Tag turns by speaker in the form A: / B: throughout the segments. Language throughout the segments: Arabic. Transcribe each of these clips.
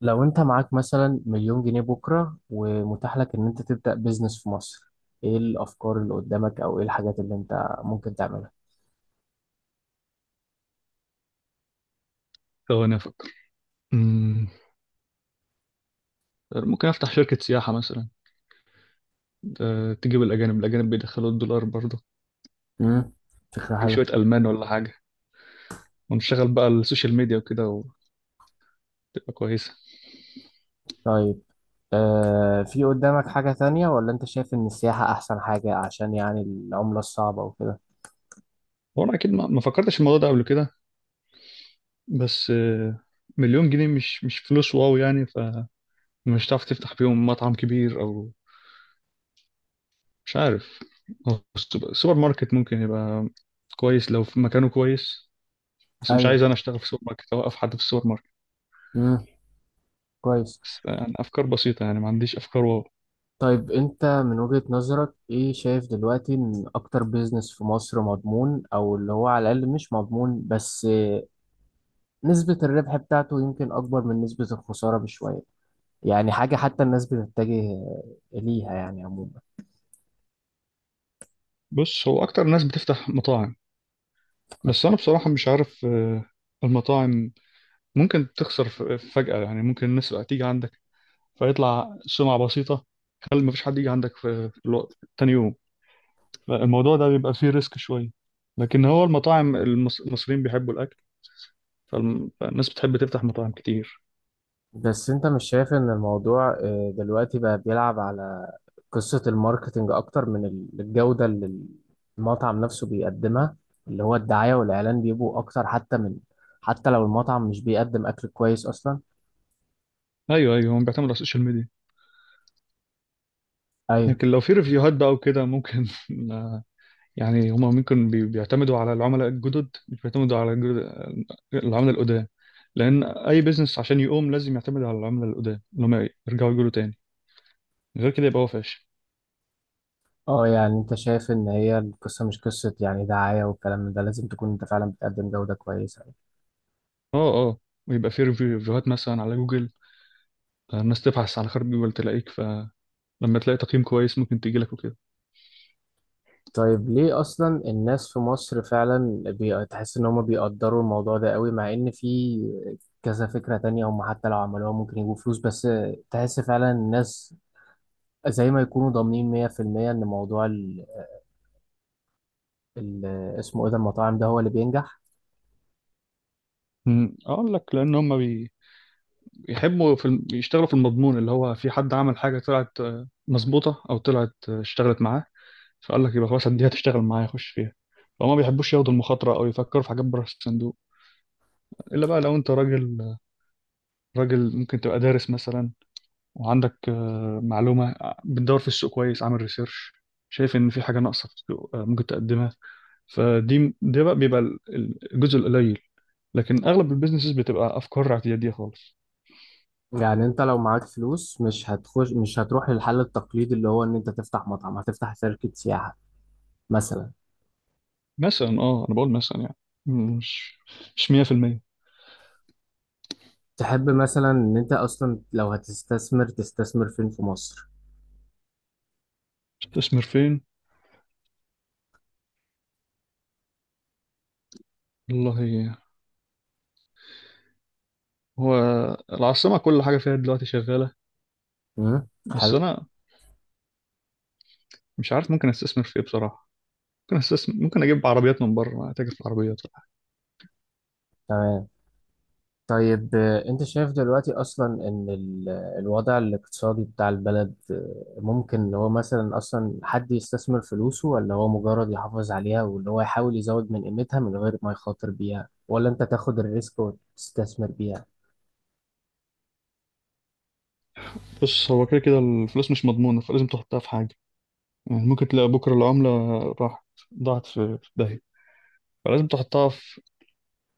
A: لو انت معاك مثلا 1,000,000 جنيه بكرة ومتاح لك ان انت تبدأ بيزنس في مصر، ايه الافكار اللي قدامك او ايه الحاجات اللي انت ممكن تعملها؟
B: ثواني أفكر. أمم، ممكن أفتح شركة سياحة مثلا. تجيب الأجانب الأجانب بيدخلوا الدولار برضه.
A: امم فكرة
B: تجيب
A: حلوة.
B: شوية ألمان ولا حاجة، ونشتغل بقى السوشيال ميديا وكده وتبقى كويسة.
A: طيب، في قدامك حاجة تانية ولا انت شايف ان السياحة احسن حاجة عشان يعني العملة الصعبة وكده؟
B: هو أنا أكيد ما فكرتش في الموضوع ده قبل كده. بس مليون جنيه مش فلوس واو يعني، فمش هتعرف تفتح بيهم مطعم كبير أو مش عارف. هو السوبر ماركت ممكن يبقى كويس لو في مكانه كويس. بس مش
A: ايوه،
B: عايز أنا أشتغل في سوبر ماركت أو أوقف حد في السوبر ماركت.
A: امم، كويس.
B: بس يعني أفكار بسيطة، يعني ما عنديش أفكار.
A: طيب، انت من وجهة نظرك ايه شايف دلوقتي ان اكتر بيزنس في مصر مضمون او اللي هو على الاقل مش مضمون، بس نسبة الربح بتاعته يمكن اكبر من نسبة الخسارة بشوية، يعني حاجة حتى الناس بتتجه ليها يعني عموما؟
B: بص، هو اكتر ناس بتفتح مطاعم. بس انا بصراحة مش عارف، المطاعم ممكن تخسر فجأة، يعني ممكن الناس بقى تيجي عندك فيطلع سمعة بسيطة، خلي مفيش حد يجي عندك في الوقت تاني يوم. الموضوع ده بيبقى فيه ريسك شوية. لكن هو المطاعم، المصريين بيحبوا الأكل، فالناس بتحب تفتح مطاعم كتير.
A: بس انت مش شايف ان الموضوع دلوقتي بقى بيلعب على قصة الماركتينج اكتر من الجودة اللي المطعم نفسه بيقدمها؟ اللي هو الدعاية والاعلان بيبقوا اكتر، حتى من، حتى لو المطعم مش بيقدم اكل كويس اصلا.
B: ايوه، ايوه، هم بيعتمدوا على السوشيال ميديا.
A: ايوه.
B: لكن لو في ريفيوهات بقى وكده ممكن يعني هما ممكن بيعتمدوا على العملاء الجدد، مش بيعتمدوا على العملاء القدام. لأن أي بيزنس عشان يقوم لازم يعتمد على العملاء القدام، اللي هما يرجعوا يقولوا تاني. غير كده يبقى هو فاشل.
A: اه، يعني انت شايف ان هي القصة مش قصة يعني دعاية والكلام من ده، لازم تكون انت فعلا بتقدم جودة كويسة.
B: اه، اه، ويبقى فيه ريفيوهات مثلا على جوجل، الناس تبحث على خرب جوجل تلاقيك، فلما تلاقي تقييم كويس ممكن تجيلك وكده.
A: طيب، ليه اصلا الناس في مصر فعلا تحس ان هم بيقدروا الموضوع ده قوي، مع ان في كذا فكرة تانية هم حتى لو عملوها ممكن يجيبوا فلوس؟ بس تحس فعلا الناس زي ما يكونوا ضامنين 100% ان موضوع ال... اسمه ايه ده، المطاعم، ده هو اللي بينجح.
B: اقول لك، لان هم بيحبوا في بيشتغلوا في المضمون، اللي هو في حد عمل حاجه طلعت مظبوطه، او طلعت اشتغلت معاه، فقال لك يبقى خلاص دي هتشتغل معايا، خش فيها. فهم ما بيحبوش ياخدوا المخاطرة أو يفكروا في حاجات بره الصندوق، إلا بقى لو أنت راجل. راجل ممكن تبقى دارس مثلا، وعندك معلومة، بتدور في السوق كويس، عامل ريسيرش، شايف إن في حاجة ناقصة في السوق ممكن تقدمها. فدي ده بقى بيبقى الجزء القليل. لكن أغلب البيزنسز بتبقى أفكار اعتيادية خالص.
A: يعني انت لو معاك فلوس، مش هتروح للحل التقليدي اللي هو ان انت تفتح مطعم، هتفتح شركة سياحة مثلا؟
B: مثلا أنا بقول مثلا يعني، مش مش 100%.
A: تحب مثلا ان انت اصلا لو هتستثمر تستثمر فين في مصر؟
B: تستثمر فين؟ والله، هو العاصمة كل حاجة فيها دلوقتي شغالة.
A: امم،
B: بس
A: حلو.
B: أنا مش عارف ممكن استثمر في ايه بصراحه. ممكن استثمر، ممكن اجيب عربيات من بره، اتاجر في العربيات.
A: تمام. طيب، انت شايف دلوقتي اصلا ان الوضع الاقتصادي بتاع البلد ممكن ان هو مثلا اصلا حد يستثمر فلوسه ولا هو مجرد يحافظ عليها وان هو يحاول يزود من قيمتها من غير ما يخاطر بيها، ولا انت تاخد الريسك وتستثمر بيها؟
B: بص، هو كده كده الفلوس مش مضمونه، فلازم تحطها في حاجه. يعني ممكن تلاقي بكره العمله راحت، ضاعت في داهيه، فلازم تحطها في،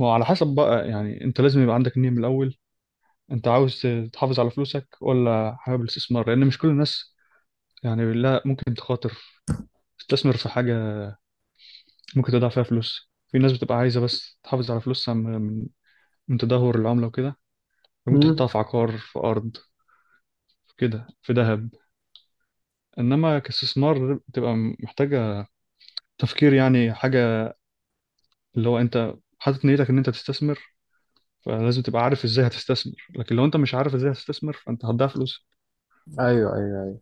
B: هو على حسب بقى. يعني انت لازم يبقى عندك نية من الاول، انت عاوز تحافظ على فلوسك ولا حابب الاستثمار؟ لان مش كل الناس، يعني لا، ممكن تخاطر، تستثمر في حاجه ممكن تضيع فيها فلوس. في ناس بتبقى عايزه بس تحافظ على فلوسها من من تدهور العمله وكده. ممكن
A: مم.
B: تحطها في عقار، في ارض، في كده، في ذهب. انما كاستثمار بتبقى محتاجه تفكير، يعني حاجه اللي هو انت حاطط نيتك ان انت تستثمر. فلازم تبقى عارف ازاي هتستثمر، لكن لو انت مش عارف ازاي هتستثمر، فانت هتضيع فلوس.
A: ايوه، ايوه، ايوه.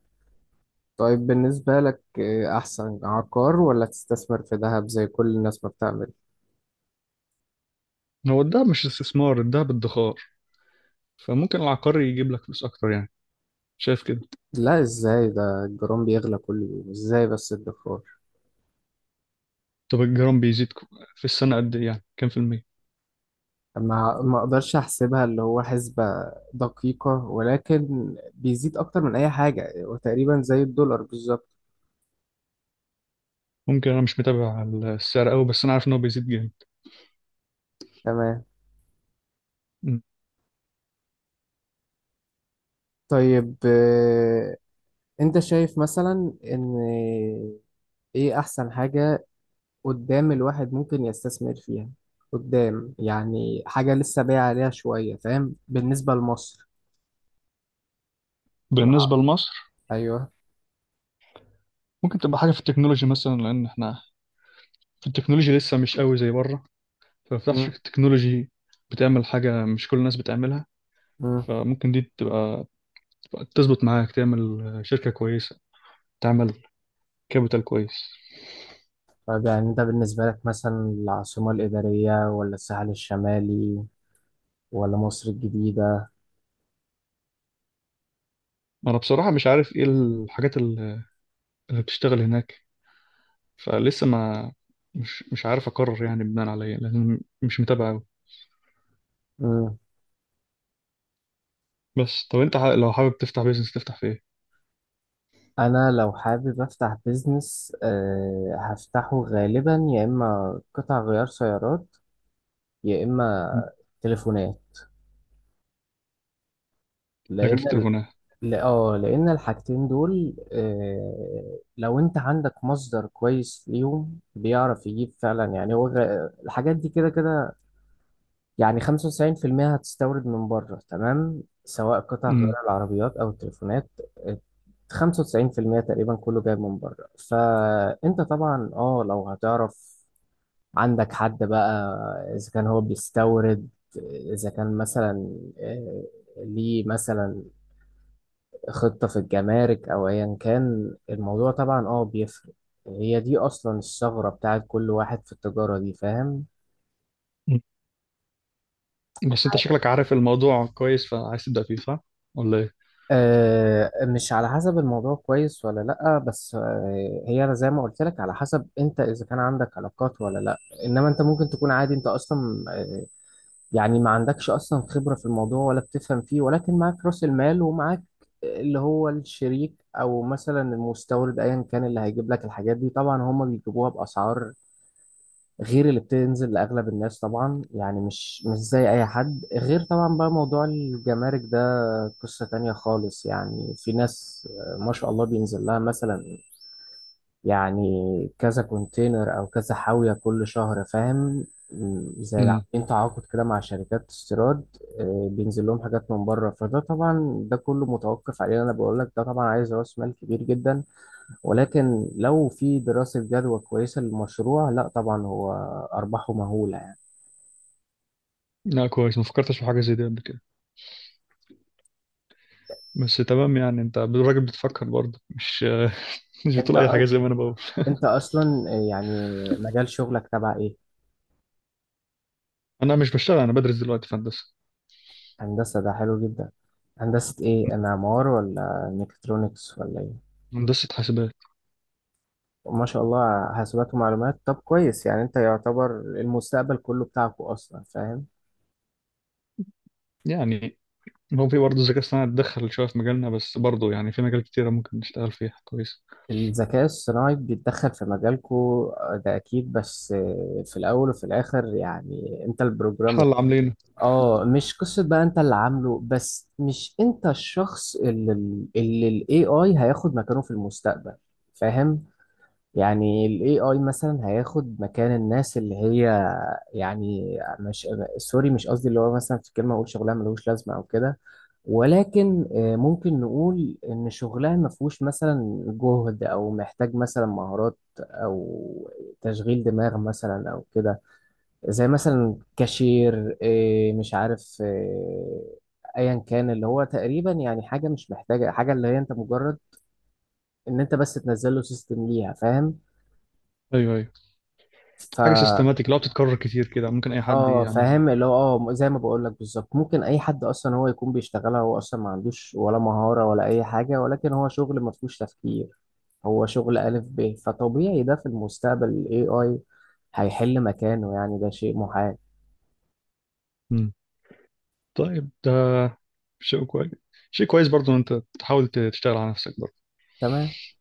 A: طيب، بالنسبة لك احسن عقار ولا تستثمر في ذهب زي كل الناس ما بتعمل؟
B: هو الدهب مش استثمار، الدهب ادخار. فممكن العقاري يجيب لك فلوس اكتر يعني، شايف كده.
A: لا، ازاي؟ ده الجرام بيغلى كل يوم. ازاي بس الدكتور؟
B: طب الجرام بيزيد في السنه قد ايه؟ يعني كام في المية؟
A: ما اقدرش احسبها، اللي هو حسبة دقيقة، ولكن بيزيد اكتر من اي حاجة وتقريبا زي الدولار بالظبط.
B: ممكن انا مش متابع السعر قوي، بس انا عارف ان هو بيزيد جامد.
A: تمام.
B: م.
A: طيب، انت شايف مثلا ان ايه احسن حاجة قدام الواحد ممكن يستثمر فيها؟ قدام يعني حاجة لسه بايع عليها شوية، فاهم، بالنسبة لمصر؟ الع-
B: بالنسبه لمصر،
A: ايوه.
B: ممكن تبقى حاجه في التكنولوجي مثلا، لان احنا في التكنولوجي لسه مش قوي زي بره. ففي
A: مم.
B: شركة تكنولوجي بتعمل حاجة مش كل الناس بتعملها،
A: مم.
B: فممكن دي تبقى تظبط معاك، تعمل شركة كويسة، تعمل كابيتال كويس.
A: طيب، يعني انت بالنسبة لك مثلا العاصمة الإدارية ولا الساحل الشمالي ولا مصر الجديدة؟
B: أنا بصراحة مش عارف إيه الحاجات اللي بتشتغل هناك. فلسه ما مش عارف أقرر يعني بناء على إيه، لأن مش متابع أوي.
A: مم.
B: بس طب أنت لو حابب تفتح بيزنس تفتح في إيه؟
A: انا لو حابب افتح بيزنس هفتحه غالبا يا اما قطع غيار سيارات، يا اما تليفونات،
B: فاكر
A: لان
B: في
A: ال...
B: التليفونات.
A: ل- اه لان الحاجتين دول لو انت عندك مصدر كويس ليهم بيعرف يجيب فعلا، يعني هو الحاجات دي كده كده، يعني 95% هتستورد من بره، تمام، سواء قطع
B: أمم.
A: غيار العربيات او التليفونات. آه، 95% تقريبا كله جاي من بره، فانت طبعا لو هتعرف عندك حد بقى، اذا كان هو بيستورد، اذا كان مثلا آه، ليه مثلا خطة في الجمارك، او ايا كان الموضوع، طبعا بيفرق. هي دي اصلا الثغرة بتاعت كل واحد في التجارة دي، فاهم.
B: بس أنت شكلك عارف الموضوع كويس، فعايز تبدأ فيه صح؟ ولا إيه؟
A: مش على حسب الموضوع كويس ولا لأ، بس هي أنا زي ما قلت لك، على حسب أنت إذا كان عندك علاقات ولا لأ. إنما أنت ممكن تكون عادي. أنت أصلا آه، يعني ما عندكش أصلا خبرة في الموضوع ولا بتفهم فيه، ولكن معاك رأس المال ومعاك اللي هو الشريك أو مثلا المستورد، أيا كان اللي هيجيب لك الحاجات دي، طبعا هما بيجيبوها بأسعار غير اللي بتنزل لأغلب الناس، طبعا يعني مش زي أي حد. غير طبعا بقى موضوع الجمارك ده قصة تانية خالص، يعني في ناس ما شاء الله بينزل لها مثلا، يعني كذا كونتينر أو كذا حاوية كل شهر، فاهم، زي
B: أمم.
A: عاملين تعاقد كده مع شركات استيراد. بينزل لهم حاجات من بره، فده طبعا ده كله متوقف عليه. أنا بقول لك ده طبعا عايز رأس مال كبير جدا، ولكن لو في دراسة جدوى كويسة للمشروع، لا طبعا هو أرباحه مهولة.
B: لا كويس، ما فكرتش في حاجة زي دي قبل كده. بس تمام، يعني انت الراجل بتفكر برضه، مش مش
A: انت
B: بتقول اي
A: أ-
B: حاجه زي ما انا بقول.
A: انت اصلا يعني مجال شغلك تبع ايه؟
B: انا مش بشتغل، انا بدرس دلوقتي في هندسه،
A: هندسة؟ ده حلو جدا. هندسة ايه، معمار ولا ميكاترونكس ولا ايه؟
B: هندسه حاسبات.
A: ما شاء الله، حاسبات ومعلومات. طب كويس، يعني انت يعتبر المستقبل كله بتاعكو اصلا، فاهم.
B: يعني هو في برضه الذكاء الصناعي اتدخل شويه في مجالنا، بس برضه يعني في مجال كتيره ممكن نشتغل فيها كويس.
A: الذكاء الصناعي بيتدخل في مجالكو ده اكيد، بس في الاول وفي الاخر يعني انت
B: احنا
A: البروجرامر.
B: اللي عاملينه.
A: اه، مش قصة بقى انت اللي عامله، بس مش انت الشخص اللي ال AI هياخد مكانه في المستقبل، فاهم. يعني ال AI مثلا هياخد مكان الناس اللي هي، يعني مش سوري، مش قصدي، اللي هو مثلا في كلمة اقول شغلها ملوش لازمة او كده. ولكن ممكن نقول ان شغلها ما فيهوش مثلا جهد او محتاج مثلا مهارات او تشغيل دماغ مثلا او كده، زي مثلا كاشير إيه، مش عارف إيه، ايا كان اللي هو تقريبا يعني حاجه مش محتاجه حاجه، اللي هي انت مجرد ان انت بس تنزل له سيستم ليها، فاهم.
B: ايوه، ايوه،
A: ف
B: حاجه سيستماتيك لو بتتكرر كتير كده ممكن اي حد
A: اه
B: يعملها.
A: فاهم، اللي هو اه، زي ما بقول لك بالظبط، ممكن اي حد اصلا هو يكون بيشتغلها. هو اصلا ما عندوش ولا مهاره ولا اي حاجه، ولكن هو شغل ما فيهوش تفكير، هو شغل الف ب. فطبيعي ده في المستقبل الاي اي هيحل مكانه، يعني ده شيء محال.
B: مم. طيب ده شيء كويس، شيء كويس برضه ان انت تحاول تشتغل على نفسك.
A: تمام.